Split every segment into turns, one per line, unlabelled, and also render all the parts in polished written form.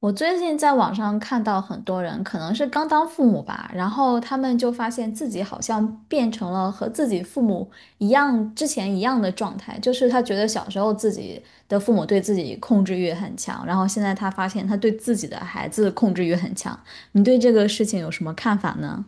我最近在网上看到很多人，可能是刚当父母吧，然后他们就发现自己好像变成了和自己父母一样，之前一样的状态，就是他觉得小时候自己的父母对自己控制欲很强，然后现在他发现他对自己的孩子控制欲很强。你对这个事情有什么看法呢？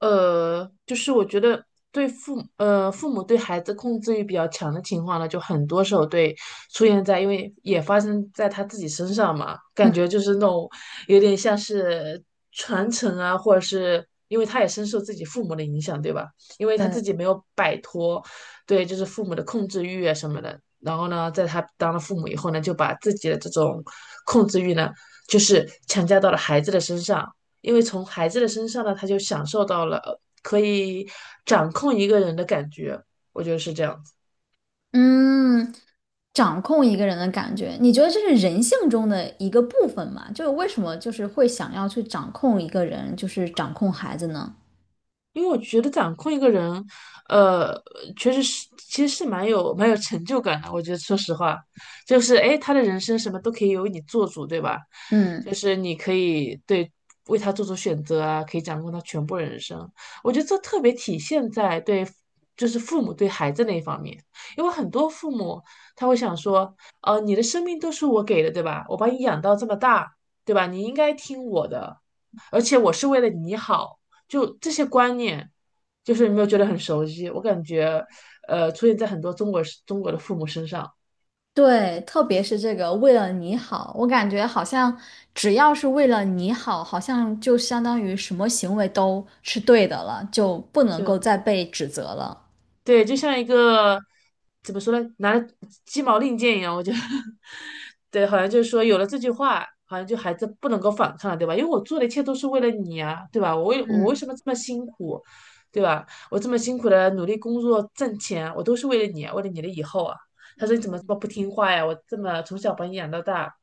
就是我觉得对父母父母对孩子控制欲比较强的情况呢，就很多时候对出现在，因为也发生在他自己身上嘛，感觉
嗯
就是那种有点像是传承啊，或者是因为他也深受自己父母的影响，对吧？因为他
对，
自己没有摆脱对就是父母的控制欲啊什么的，然后呢，在他当了父母以后呢，就把自己的这种控制欲呢，就是强加到了孩子的身上。因为从孩子的身上呢，他就享受到了可以掌控一个人的感觉，我觉得是这样子。
嗯，掌控一个人的感觉，你觉得这是人性中的一个部分吗？就是为什么就是会想要去掌控一个人，就是掌控孩子呢？
因为我觉得掌控一个人，呃，确实是，其实是蛮有成就感的。我觉得，说实话，就是哎，诶他的人生什么都可以由你做主，对吧？
嗯，
就是你可以对为他做出选择啊，可以掌控他全部人生。我觉得这特别体现在对，就是父母对孩子那一方面，因为很多父母他会想说，你的生命都是我给的，对吧？我把你养到这么大，对吧？你应该听我的，而且我是为了你好。就这些观念，就是有没有觉得很熟悉？我感觉，出现在很多中国的父母身上，
对，特别是这个为了你好，我感觉好像只要是为了你好，好像就相当于什么行为都是对的了，就不能够
就
再被指责了。
对，就像一个怎么说呢，拿着鸡毛令箭一样。我觉得，对，好像就是说有了这句话，好像就孩子不能够反抗了，对吧？因为我做的一切都是为了你啊，对吧？我为
嗯，
什么这么辛苦，对吧？我这么辛苦的努力工作挣钱，我都是为了你啊，为了你的以后啊。他说你怎么这么不听话呀？我这么从小把你养到大，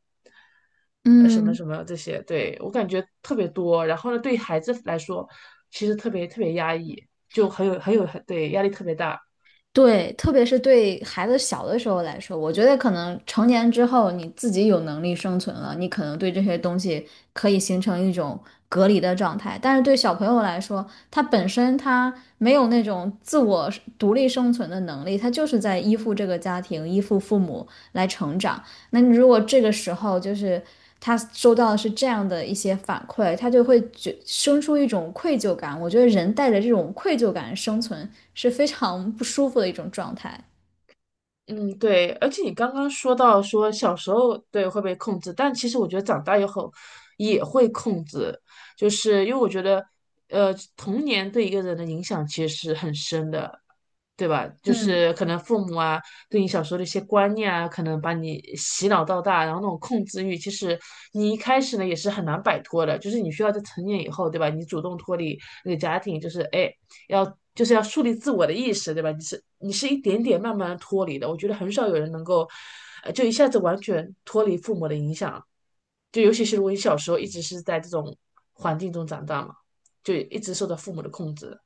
什么
嗯，
什么这些，对，我感觉特别多。然后呢，对孩子来说，其实特别特别压抑，就很有很有很对压力特别大。
对，特别是对孩子小的时候来说，我觉得可能成年之后你自己有能力生存了，你可能对这些东西可以形成一种隔离的状态。但是对小朋友来说，他本身他没有那种自我独立生存的能力，他就是在依附这个家庭、依附父母来成长。那你如果这个时候就是他收到的是这样的一些反馈，他就会觉生出一种愧疚感。我觉得人带着这种愧疚感生存是非常不舒服的一种状态。
嗯，对，而且你刚刚说到说小时候对会被控制，但其实我觉得长大以后也会控制，就是因为我觉得，童年对一个人的影响其实是很深的，对吧？就
嗯，
是可能父母啊对你小时候的一些观念啊，可能把你洗脑到大，然后那种控制欲，其实你一开始呢也是很难摆脱的，就是你需要在成年以后，对吧？你主动脱离那个家庭，就是哎。要就是要树立自我的意识，对吧？你是一点点慢慢脱离的，我觉得很少有人能够，就一下子完全脱离父母的影响，就尤其是如果你小时候一直是在这种环境中长大嘛，就一直受到父母的控制。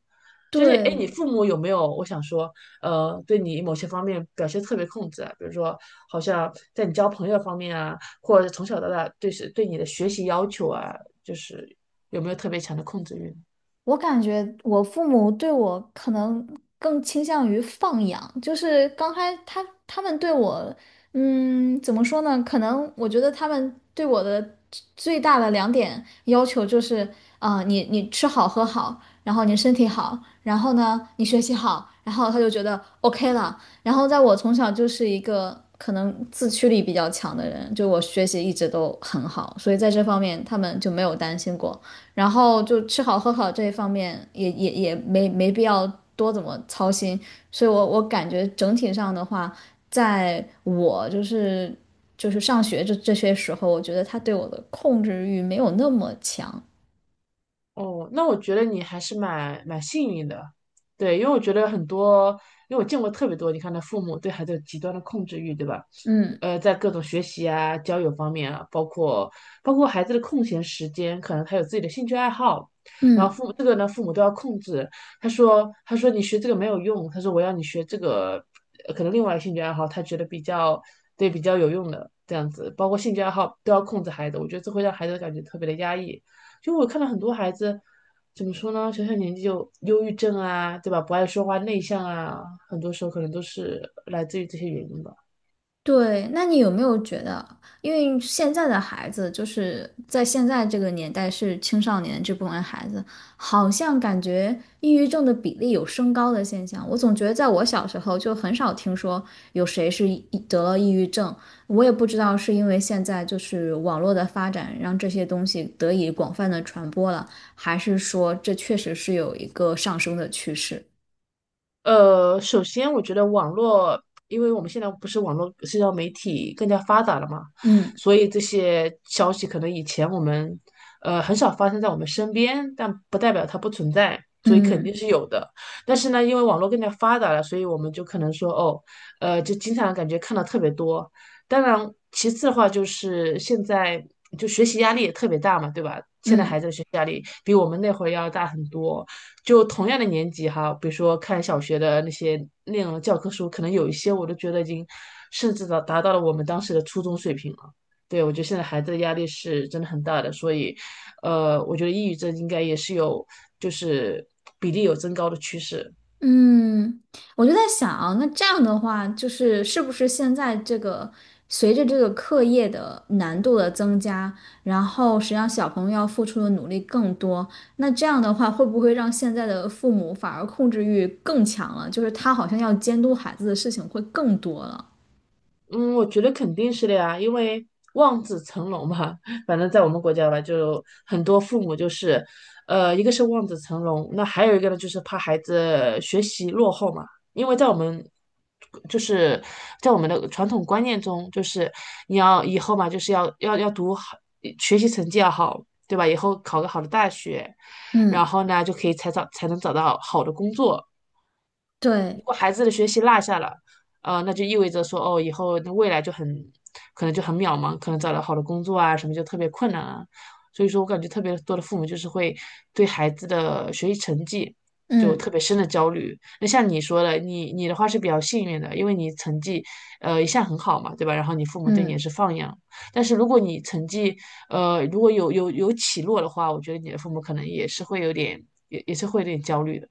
就是哎，诶你
对，
父母有没有？我想说，对你某些方面表现特别控制啊，比如说，好像在你交朋友方面啊，或者从小到大对是对你的学习要求啊，就是有没有特别强的控制欲？
我感觉我父母对我可能更倾向于放养，就是他们对我，嗯，怎么说呢？可能我觉得他们对我的最大的两点要求就是，啊、你吃好喝好，然后你身体好，然后呢你学习好，然后他就觉得 OK 了。然后在我从小就是一个可能自驱力比较强的人，就我学习一直都很好，所以在这方面他们就没有担心过。然后就吃好喝好这一方面也没必要多怎么操心，所以我感觉整体上的话，在我就是上学这些时候，我觉得他对我的控制欲没有那么强，
哦，那我觉得你还是蛮幸运的，对，因为我觉得很多，因为我见过特别多，你看他父母对孩子有极端的控制欲，对吧？
嗯
在各种学习啊、交友方面啊，包括孩子的空闲时间，可能他有自己的兴趣爱好，然后
嗯。
父母这个呢，父母都要控制。他说你学这个没有用，他说我要你学这个，可能另外一个兴趣爱好，他觉得比较对比较有用的这样子，包括兴趣爱好都要控制孩子，我觉得这会让孩子感觉特别的压抑。就我看到很多孩子，怎么说呢？小小年纪就忧郁症啊，对吧？不爱说话、内向啊，很多时候可能都是来自于这些原因吧。
对，那你有没有觉得，因为现在的孩子，就是在现在这个年代是青少年这部分孩子，好像感觉抑郁症的比例有升高的现象。我总觉得在我小时候就很少听说有谁是得了抑郁症，我也不知道是因为现在就是网络的发展让这些东西得以广泛的传播了，还是说这确实是有一个上升的趋势。
首先我觉得网络，因为我们现在不是网络社交媒体更加发达了嘛，
嗯
所以这些消息可能以前我们很少发生在我们身边，但不代表它不存在，所以肯
嗯
定是有的。但是呢，因为网络更加发达了，所以我们就可能说哦，就经常感觉看到特别多。当然，其次的话就是现在就学习压力也特别大嘛，对吧？现在孩
嗯。
子的学习压力比我们那会儿要大很多。就同样的年级哈，比如说看小学的那些内容的教科书，可能有一些我都觉得已经甚至到达到了我们当时的初中水平了。对，我觉得现在孩子的压力是真的很大的，所以，我觉得抑郁症应该也是有就是比例有增高的趋势。
嗯，我就在想，那这样的话，就是是不是现在这个随着这个课业的难度的增加，然后实际上小朋友要付出的努力更多，那这样的话，会不会让现在的父母反而控制欲更强了？就是他好像要监督孩子的事情会更多了。
嗯，我觉得肯定是的呀，因为望子成龙嘛，反正在我们国家吧，就很多父母就是，一个是望子成龙，那还有一个呢，就是怕孩子学习落后嘛，因为在我们，就是在我们的传统观念中，就是你要以后嘛，就是要读好，学习成绩要好，对吧？以后考个好的大学，
嗯，
然后呢，就可以才能找到好的工作。如
对，
果孩子的学习落下了，那就意味着说，哦，以后那未来就很可能就很渺茫，可能找到好的工作啊什么就特别困难啊。所以说我感觉特别多的父母就是会对孩子的学习成绩就
嗯
特别深的焦虑。那像你说的，你的话是比较幸运的，因为你成绩一向很好嘛，对吧？然后你父母对你也
嗯。
是放养。但是如果你成绩如果有起落的话，我觉得你的父母可能也是会有点也也是会有点焦虑的。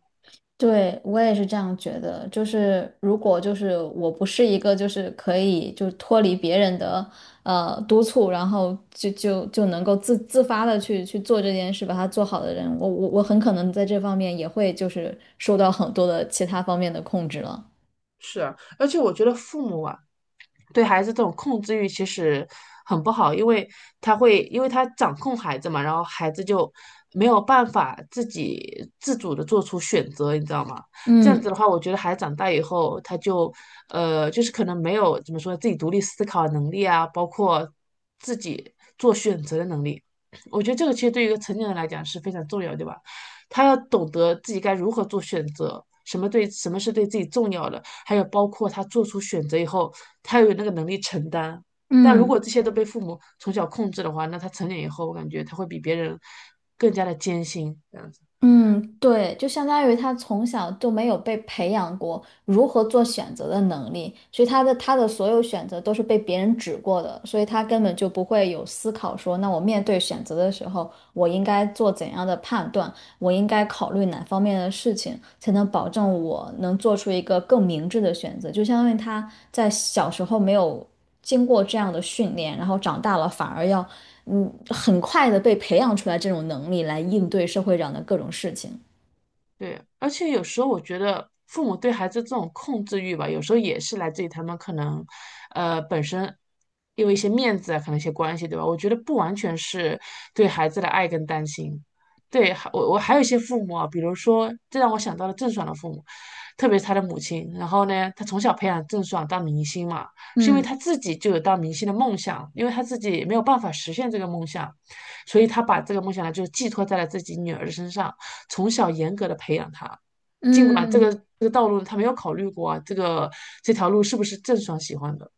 对，我也是这样觉得，就是如果就是我不是一个就是可以就脱离别人的督促，然后就能够自发的去做这件事，把它做好的人，我很可能在这方面也会就是受到很多的其他方面的控制了。
是啊，而且我觉得父母啊，对孩子这种控制欲其实很不好，因为他会，因为他掌控孩子嘛，然后孩子就没有办法自己自主的做出选择，你知道吗？这样子
嗯
的话，我觉得孩子长大以后，他就就是可能没有怎么说自己独立思考的能力啊，包括自己做选择的能力。我觉得这个其实对于一个成年人来讲是非常重要，对吧？他要懂得自己该如何做选择，什么对什么是对自己重要的，还有包括他做出选择以后，他要有那个能力承担。但如果
嗯。
这些都被父母从小控制的话，那他成年以后，我感觉他会比别人更加的艰辛，这样子。
嗯，对，就相当于他从小就没有被培养过如何做选择的能力，所以他的所有选择都是被别人指过的，所以他根本就不会有思考说，那我面对选择的时候，我应该做怎样的判断，我应该考虑哪方面的事情，才能保证我能做出一个更明智的选择。就相当于他在小时候没有经过这样的训练，然后长大了反而要，嗯，很快的被培养出来这种能力来应对社会上的各种事情。
对，而且有时候我觉得父母对孩子这种控制欲吧，有时候也是来自于他们可能，本身因为一些面子啊，可能一些关系，对吧？我觉得不完全是对孩子的爱跟担心。对，还我还有一些父母啊，比如说，这让我想到了郑爽的父母，特别是她的母亲。然后呢，她从小培养郑爽当明星嘛，是因为
嗯
她自己就有当明星的梦想，因为她自己没有办法实现这个梦想，所以他把这个梦想呢，就是寄托在了自己女儿身上，从小严格的培养她。尽管这个
嗯，
这个道路他没有考虑过啊，这个这条路是不是郑爽喜欢的？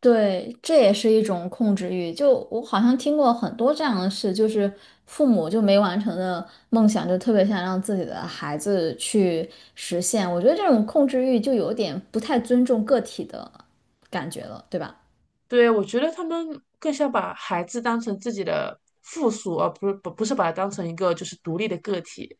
对，这也是一种控制欲。就我好像听过很多这样的事，就是父母就没完成的梦想，就特别想让自己的孩子去实现。我觉得这种控制欲就有点不太尊重个体的感觉了，对吧？
对，我觉得他们更像把孩子当成自己的附属，而不是不是把它当成一个就是独立的个体。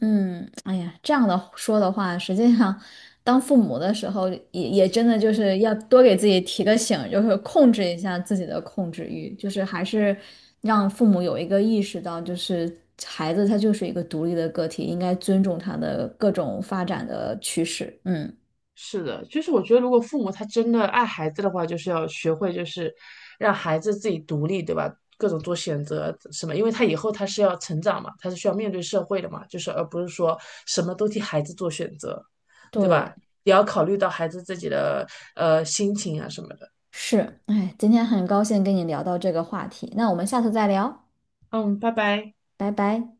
嗯，哎呀，这样的说的话，实际上，当父母的时候也，也真的就是要多给自己提个醒，就是控制一下自己的控制欲，就是还是让父母有一个意识到，就是孩子他就是一个独立的个体，应该尊重他的各种发展的趋势。嗯，
是的，就是我觉得，如果父母他真的爱孩子的话，就是要学会，就是让孩子自己独立，对吧？各种做选择什么，因为他以后他是要成长嘛，他是需要面对社会的嘛，就是而不是说什么都替孩子做选择，对
对，
吧？也要考虑到孩子自己的心情啊什么的。
是，哎，今天很高兴跟你聊到这个话题，那我们下次再聊，
嗯，拜拜。
拜拜。